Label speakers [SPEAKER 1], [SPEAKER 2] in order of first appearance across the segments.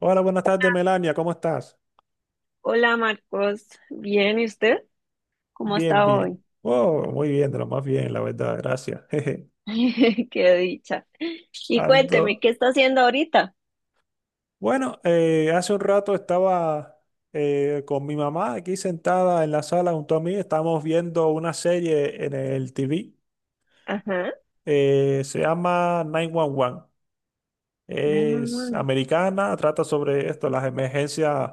[SPEAKER 1] Hola, buenas tardes, Melania, ¿cómo estás?
[SPEAKER 2] Hola Marcos, bien, ¿y usted? ¿Cómo
[SPEAKER 1] Bien,
[SPEAKER 2] está
[SPEAKER 1] bien.
[SPEAKER 2] hoy?
[SPEAKER 1] Oh, muy bien, de lo más bien, la verdad, gracias. Jeje.
[SPEAKER 2] Qué dicha. Y
[SPEAKER 1] Ando.
[SPEAKER 2] cuénteme, ¿qué está haciendo ahorita?
[SPEAKER 1] Bueno, hace un rato estaba con mi mamá aquí sentada en la sala junto a mí. Estábamos viendo una serie en el TV.
[SPEAKER 2] Ajá.
[SPEAKER 1] Se llama 911. Es
[SPEAKER 2] 911.
[SPEAKER 1] americana, trata sobre esto, las emergencias,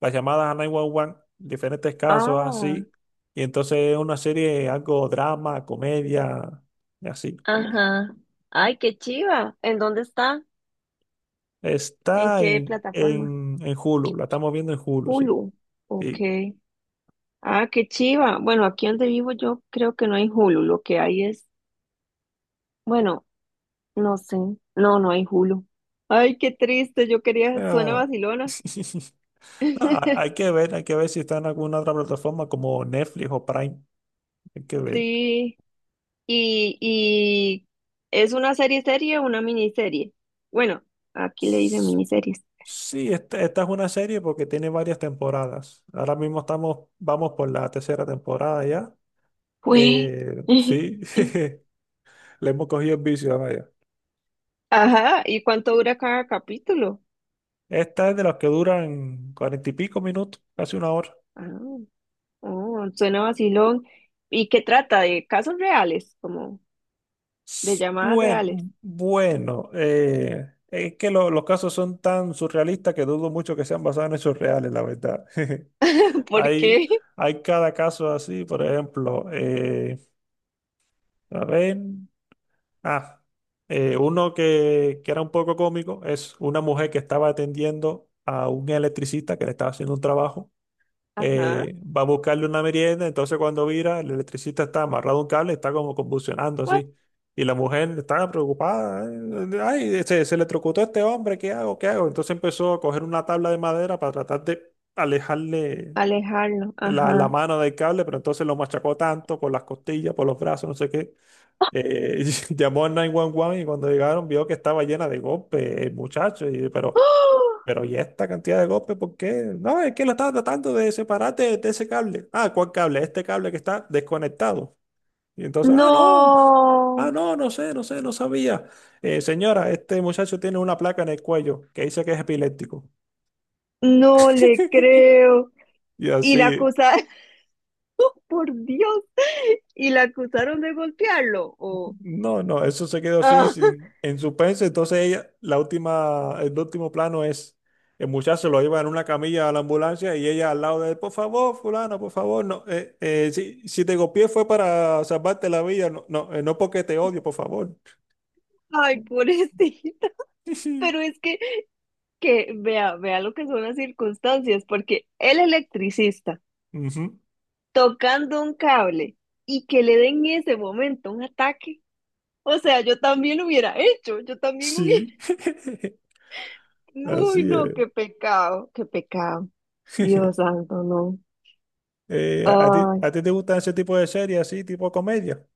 [SPEAKER 1] las llamadas a 911, diferentes casos
[SPEAKER 2] Ah,
[SPEAKER 1] así. Y entonces es una serie, algo drama, comedia, y así.
[SPEAKER 2] ajá. Ay, qué chiva. ¿En dónde está? ¿En
[SPEAKER 1] Está
[SPEAKER 2] qué
[SPEAKER 1] en,
[SPEAKER 2] plataforma?
[SPEAKER 1] en, en Hulu, la estamos viendo en Hulu, sí.
[SPEAKER 2] Hulu. Ok.
[SPEAKER 1] Sí.
[SPEAKER 2] Ah, qué chiva. Bueno, aquí donde vivo yo creo que no hay Hulu. Lo que hay es, bueno, no sé. No, no hay Hulu. Ay, qué triste. Yo quería, suena
[SPEAKER 1] Ah.
[SPEAKER 2] vacilona.
[SPEAKER 1] Ah, Hay que ver si está en alguna otra plataforma como Netflix o Prime. Hay que ver.
[SPEAKER 2] Sí, y es una serie serie o una miniserie. Bueno, aquí le dicen miniseries.
[SPEAKER 1] Sí, esta es una serie porque tiene varias temporadas. Ahora mismo vamos por la tercera temporada ya.
[SPEAKER 2] Fue.
[SPEAKER 1] Sí, le hemos cogido el vicio, vaya.
[SPEAKER 2] Ajá, ¿y cuánto dura cada capítulo?
[SPEAKER 1] Esta es de las que duran cuarenta y pico minutos, casi una hora.
[SPEAKER 2] Ah, oh, suena vacilón. ¿Y qué trata? ¿De casos reales? Como de
[SPEAKER 1] S-
[SPEAKER 2] llamadas reales.
[SPEAKER 1] Buen, bueno, eh, es que los casos son tan surrealistas que dudo mucho que sean basados en hechos reales, la verdad.
[SPEAKER 2] ¿Por
[SPEAKER 1] Hay,
[SPEAKER 2] qué?
[SPEAKER 1] hay cada caso así, por ejemplo, a ver. Ah, uno que era un poco cómico es una mujer que estaba atendiendo a un electricista que le estaba haciendo un trabajo.
[SPEAKER 2] Ajá.
[SPEAKER 1] Va a buscarle una merienda, entonces cuando vira, el electricista está amarrado a un cable, está como convulsionando
[SPEAKER 2] What?
[SPEAKER 1] así. Y la mujer estaba preocupada. Ay, se electrocutó este hombre, ¿qué hago? ¿Qué hago? Entonces empezó a coger una tabla de madera para tratar de alejarle
[SPEAKER 2] Alejarlo.
[SPEAKER 1] la
[SPEAKER 2] Ajá.
[SPEAKER 1] mano del cable, pero entonces lo machacó tanto por las costillas, por los brazos, no sé qué, eh, llamó al 911 y cuando llegaron vio que estaba llena de golpes, el muchacho. y, pero,
[SPEAKER 2] ¡Oh!
[SPEAKER 1] pero ¿y esta cantidad de golpes por qué? No, es que la estaba tratando de separarte de ese cable. Ah, ¿cuál cable? Este cable que está desconectado. Y entonces, ah, no, ah,
[SPEAKER 2] No,
[SPEAKER 1] no, no sé, no sé, no sabía. Señora, este muchacho tiene una placa en el cuello que dice que es epiléptico.
[SPEAKER 2] no le creo.
[SPEAKER 1] Y
[SPEAKER 2] ¿Y la
[SPEAKER 1] así.
[SPEAKER 2] acusada? Por Dios, y la acusaron de golpearlo, o,
[SPEAKER 1] No, no, eso se quedó así
[SPEAKER 2] ah,
[SPEAKER 1] sin, en suspense. Entonces ella, el último plano es el muchacho lo lleva en una camilla a la ambulancia y ella al lado de él, por favor, fulano, por favor, no, si te copié fue para salvarte la vida, no, no, no porque te odio, por favor.
[SPEAKER 2] ay, pobrecita. Pero es que vea, vea lo que son las circunstancias, porque el electricista
[SPEAKER 1] Ujú.
[SPEAKER 2] tocando un cable y que le den en ese momento un ataque. O sea, yo también lo hubiera hecho, yo también hubiera.
[SPEAKER 1] Sí,
[SPEAKER 2] Uy,
[SPEAKER 1] así
[SPEAKER 2] no,
[SPEAKER 1] es.
[SPEAKER 2] qué pecado, Dios santo, no.
[SPEAKER 1] ¿A ti te gustan ese tipo de series, así, tipo comedia?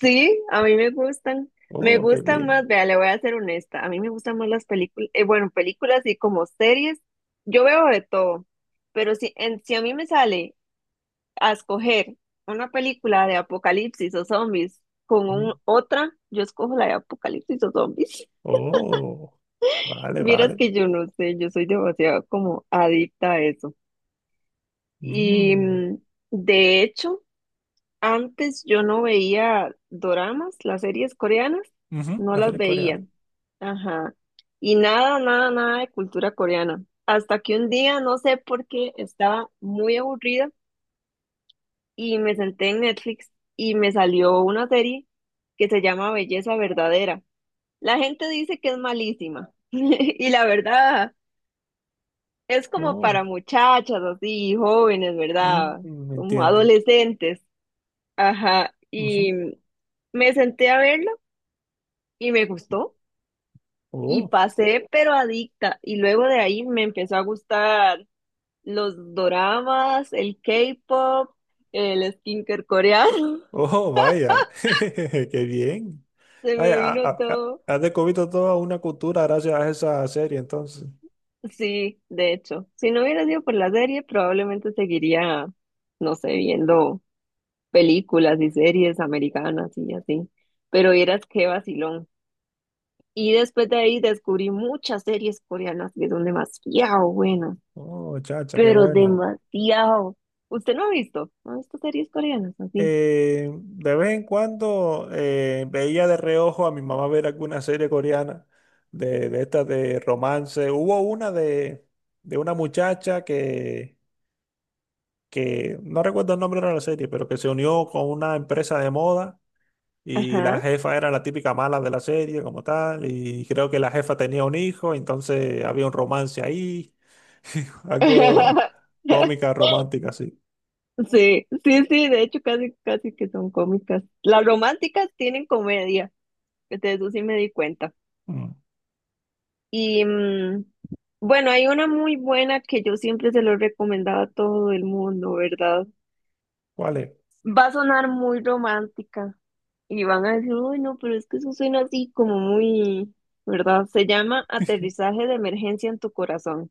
[SPEAKER 2] Sí, a mí me gustan. Me
[SPEAKER 1] Oh, qué
[SPEAKER 2] gustan más,
[SPEAKER 1] bien.
[SPEAKER 2] vea, le voy a ser honesta. A mí me gustan más las películas, bueno, películas y como series. Yo veo de todo, pero si a mí me sale a escoger una película de apocalipsis o zombies con
[SPEAKER 1] Ujú.
[SPEAKER 2] otra, yo escojo la de apocalipsis o zombies.
[SPEAKER 1] Oh, vale,
[SPEAKER 2] Vieras
[SPEAKER 1] vale.
[SPEAKER 2] que yo no sé, yo soy demasiado como adicta a eso. Y
[SPEAKER 1] Mm.
[SPEAKER 2] de hecho. Antes yo no veía doramas, las series coreanas,
[SPEAKER 1] Ujú,
[SPEAKER 2] no
[SPEAKER 1] la
[SPEAKER 2] las
[SPEAKER 1] serie
[SPEAKER 2] veía.
[SPEAKER 1] coreana.
[SPEAKER 2] Ajá. Y nada, nada, nada de cultura coreana. Hasta que un día, no sé por qué, estaba muy aburrida y me senté en Netflix y me salió una serie que se llama Belleza Verdadera. La gente dice que es malísima y la verdad es como
[SPEAKER 1] Oh,
[SPEAKER 2] para muchachas así, jóvenes, ¿verdad? Como
[SPEAKER 1] entiendo.
[SPEAKER 2] adolescentes. Ajá,
[SPEAKER 1] Ujú.
[SPEAKER 2] y me senté a verlo y me gustó y
[SPEAKER 1] Oh,
[SPEAKER 2] pasé pero adicta y luego de ahí me empezó a gustar los doramas, el K-pop, el skincare coreano.
[SPEAKER 1] oh, vaya. Qué bien.
[SPEAKER 2] Se
[SPEAKER 1] Vaya,
[SPEAKER 2] me vino todo.
[SPEAKER 1] has descubierto toda una cultura gracias a esa serie, entonces.
[SPEAKER 2] Sí, de hecho, si no hubiera sido por la serie, probablemente seguiría, no sé, viendo películas y series americanas y así, pero vieras qué vacilón. Y después de ahí descubrí muchas series coreanas que son demasiado buenas,
[SPEAKER 1] Oh, chacha, qué
[SPEAKER 2] pero
[SPEAKER 1] bueno.
[SPEAKER 2] demasiado. ¿Usted no ha visto? ¿No ha visto series coreanas así?
[SPEAKER 1] De vez en cuando veía de reojo a mi mamá ver alguna serie coreana de estas de romance. Hubo una de una muchacha que no recuerdo el nombre de la serie, pero que se unió con una empresa de moda. Y la
[SPEAKER 2] Ajá.
[SPEAKER 1] jefa era la típica mala de la serie como tal. Y creo que la jefa tenía un hijo, entonces había un romance ahí. Algo cómica, romántica, así.
[SPEAKER 2] Sí, sí, sí, de hecho casi, casi que son cómicas. Las románticas tienen comedia, de eso sí me di cuenta.
[SPEAKER 1] Mm,
[SPEAKER 2] Y bueno, hay una muy buena que yo siempre se lo recomendaba a todo el mundo, ¿verdad?
[SPEAKER 1] ¿Cuál es?
[SPEAKER 2] Va a sonar muy romántica y van a decir, uy, no, pero es que eso suena así como muy, ¿verdad? Se llama Aterrizaje de emergencia en tu corazón.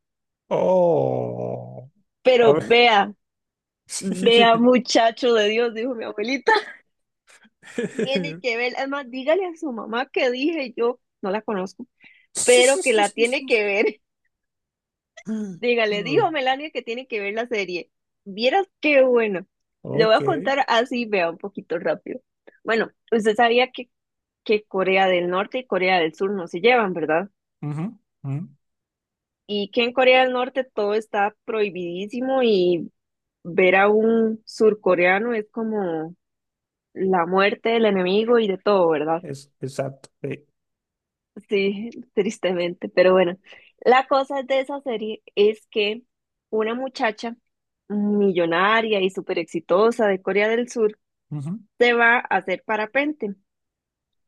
[SPEAKER 1] Oh, a
[SPEAKER 2] Pero
[SPEAKER 1] ver.
[SPEAKER 2] vea, vea, muchacho de Dios, dijo mi abuelita. Tiene que ver. Además, dígale a su mamá que dije yo, no la conozco, pero que la
[SPEAKER 1] Sí.
[SPEAKER 2] tiene que ver. Dígale,
[SPEAKER 1] Ok.
[SPEAKER 2] dijo Melania que tiene que ver la serie. Vieras qué bueno. Le voy
[SPEAKER 1] Ok.
[SPEAKER 2] a contar así, vea, un poquito rápido. Bueno, usted sabía que Corea del Norte y Corea del Sur no se llevan, ¿verdad?
[SPEAKER 1] Ujú, ujú.
[SPEAKER 2] Y que en Corea del Norte todo está prohibidísimo y ver a un surcoreano es como la muerte del enemigo y de todo, ¿verdad?
[SPEAKER 1] Exacto. Sí.
[SPEAKER 2] Sí, tristemente, pero bueno. La cosa de esa serie es que una muchacha millonaria y súper exitosa de Corea del Sur
[SPEAKER 1] Ujú,
[SPEAKER 2] se va a hacer parapente,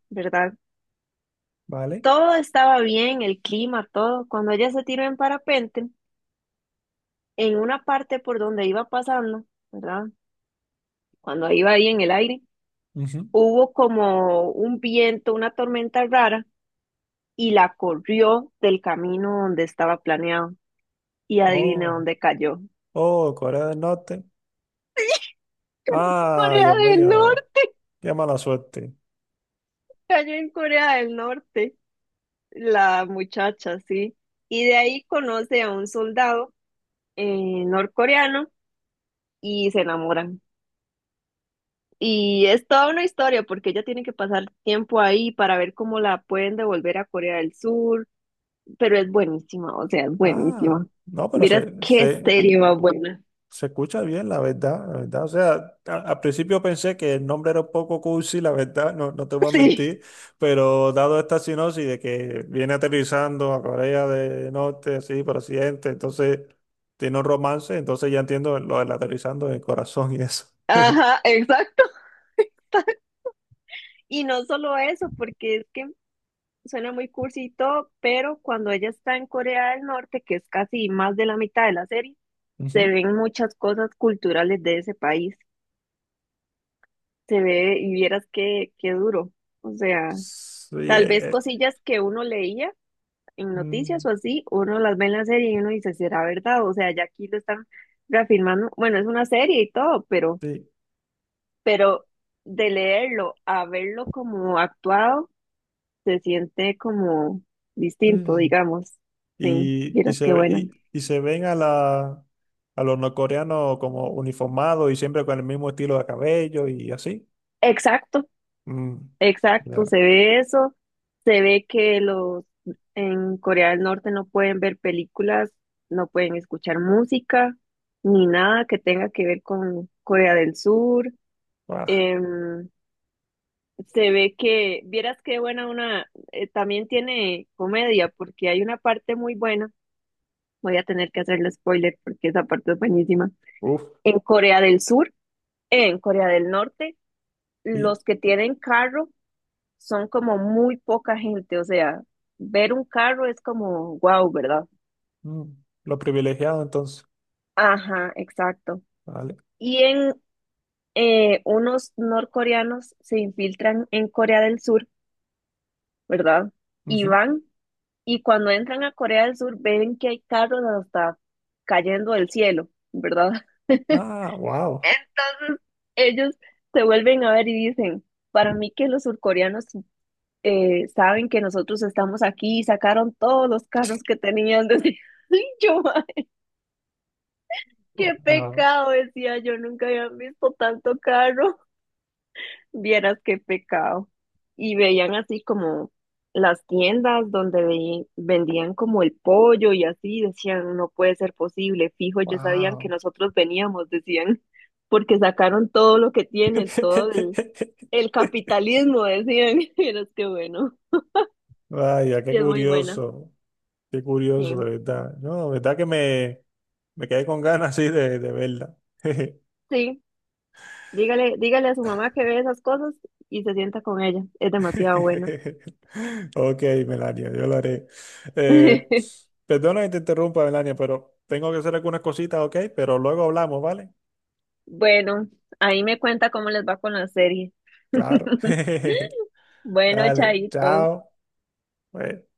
[SPEAKER 2] ¿verdad?
[SPEAKER 1] vale.
[SPEAKER 2] Todo estaba bien, el clima, todo. Cuando ella se tiró en parapente, en una parte por donde iba pasando, ¿verdad? Cuando iba ahí en el aire,
[SPEAKER 1] Ujú.
[SPEAKER 2] hubo como un viento, una tormenta rara y la corrió del camino donde estaba planeado. Y adivine
[SPEAKER 1] Oh,
[SPEAKER 2] dónde cayó.
[SPEAKER 1] oh, Corea del Norte. Ah,
[SPEAKER 2] Corea
[SPEAKER 1] Dios
[SPEAKER 2] del
[SPEAKER 1] mío.
[SPEAKER 2] Norte,
[SPEAKER 1] Qué mala suerte.
[SPEAKER 2] cayó en Corea del Norte, la muchacha, sí. Y de ahí conoce a un soldado norcoreano y se enamoran. Y es toda una historia porque ella tiene que pasar tiempo ahí para ver cómo la pueden devolver a Corea del Sur, pero es buenísima, o sea, es
[SPEAKER 1] Ah,
[SPEAKER 2] buenísima.
[SPEAKER 1] no, pero
[SPEAKER 2] Miras
[SPEAKER 1] se,
[SPEAKER 2] qué
[SPEAKER 1] se,
[SPEAKER 2] serie más buena.
[SPEAKER 1] se escucha bien, la verdad, la verdad. O sea, al principio pensé que el nombre era un poco cursi, la verdad, no, no te voy a
[SPEAKER 2] Sí,
[SPEAKER 1] mentir, pero dado esta sinopsis de que viene aterrizando a Corea del Norte, así, por accidente, entonces tiene un romance, entonces ya entiendo lo del aterrizando en el corazón y eso.
[SPEAKER 2] ajá, exacto. Y no solo eso, porque es que suena muy cursi y todo, pero cuando ella está en Corea del Norte, que es casi más de la mitad de la serie, se
[SPEAKER 1] Ujú.
[SPEAKER 2] ven muchas cosas culturales de ese país. Se ve y vieras qué duro. O sea,
[SPEAKER 1] Sí,
[SPEAKER 2] tal vez cosillas que uno leía en noticias
[SPEAKER 1] mm,
[SPEAKER 2] o así, uno las ve en la serie y uno dice, ¿será verdad? O sea, ya aquí lo están reafirmando. Bueno, es una serie y todo, pero de leerlo a verlo como actuado, se siente como distinto,
[SPEAKER 1] sí.
[SPEAKER 2] digamos. Sí,
[SPEAKER 1] y, y
[SPEAKER 2] miras qué
[SPEAKER 1] se,
[SPEAKER 2] buena.
[SPEAKER 1] y, y se ven a los norcoreanos como uniformados y siempre con el mismo estilo de cabello y así.
[SPEAKER 2] Exacto,
[SPEAKER 1] Mm,
[SPEAKER 2] exacto,
[SPEAKER 1] ya,
[SPEAKER 2] se ve eso, se ve que los en Corea del Norte no pueden ver películas, no pueden escuchar música, ni nada que tenga que ver con Corea del Sur,
[SPEAKER 1] ah,
[SPEAKER 2] em, se ve que, vieras qué buena una, también tiene comedia, porque hay una parte muy buena, voy a tener que hacerle spoiler porque esa parte es buenísima.
[SPEAKER 1] uf,
[SPEAKER 2] En Corea del Sur, en Corea del Norte,
[SPEAKER 1] y
[SPEAKER 2] los que tienen carro son como muy poca gente, o sea, ver un carro es como wow, ¿verdad?
[SPEAKER 1] mm, lo privilegiado entonces.
[SPEAKER 2] Ajá, exacto.
[SPEAKER 1] Vale.
[SPEAKER 2] Y en unos norcoreanos se infiltran en Corea del Sur, ¿verdad? Y
[SPEAKER 1] Ujú.
[SPEAKER 2] van. Y cuando entran a Corea del Sur, ven que hay carros hasta cayendo del cielo, ¿verdad?
[SPEAKER 1] Ah, wow.
[SPEAKER 2] Entonces, ellos se vuelven a ver y dicen, para mí que los surcoreanos saben que nosotros estamos aquí y sacaron todos los carros que tenían. Decía, "Ay, qué
[SPEAKER 1] Wow.
[SPEAKER 2] pecado, decía yo, nunca había visto tanto carro. Vieras qué pecado. Y veían así como las tiendas donde vendían como el pollo y así, decían, no puede ser posible, fijo, ellos sabían que
[SPEAKER 1] Wow.
[SPEAKER 2] nosotros veníamos, decían, porque sacaron todo lo que tienen, todo el, el capitalismo, decían. Vieras qué bueno.
[SPEAKER 1] Vaya, qué
[SPEAKER 2] Y es muy buena.
[SPEAKER 1] curioso. Qué curioso, de
[SPEAKER 2] Sí,
[SPEAKER 1] verdad. No, de verdad que me quedé con ganas así de verla.
[SPEAKER 2] sí, dígale, dígale a su mamá que ve esas cosas y se sienta con ella, es demasiado buena.
[SPEAKER 1] Ok, Melania, yo lo haré. Eh, perdona que te interrumpa, Melania, pero tengo que hacer algunas cositas, ok, pero luego hablamos, ¿vale?
[SPEAKER 2] Bueno, ahí me cuenta cómo les va con la serie.
[SPEAKER 1] Claro.
[SPEAKER 2] Bueno,
[SPEAKER 1] Dale,
[SPEAKER 2] Chaito.
[SPEAKER 1] chao. Bueno.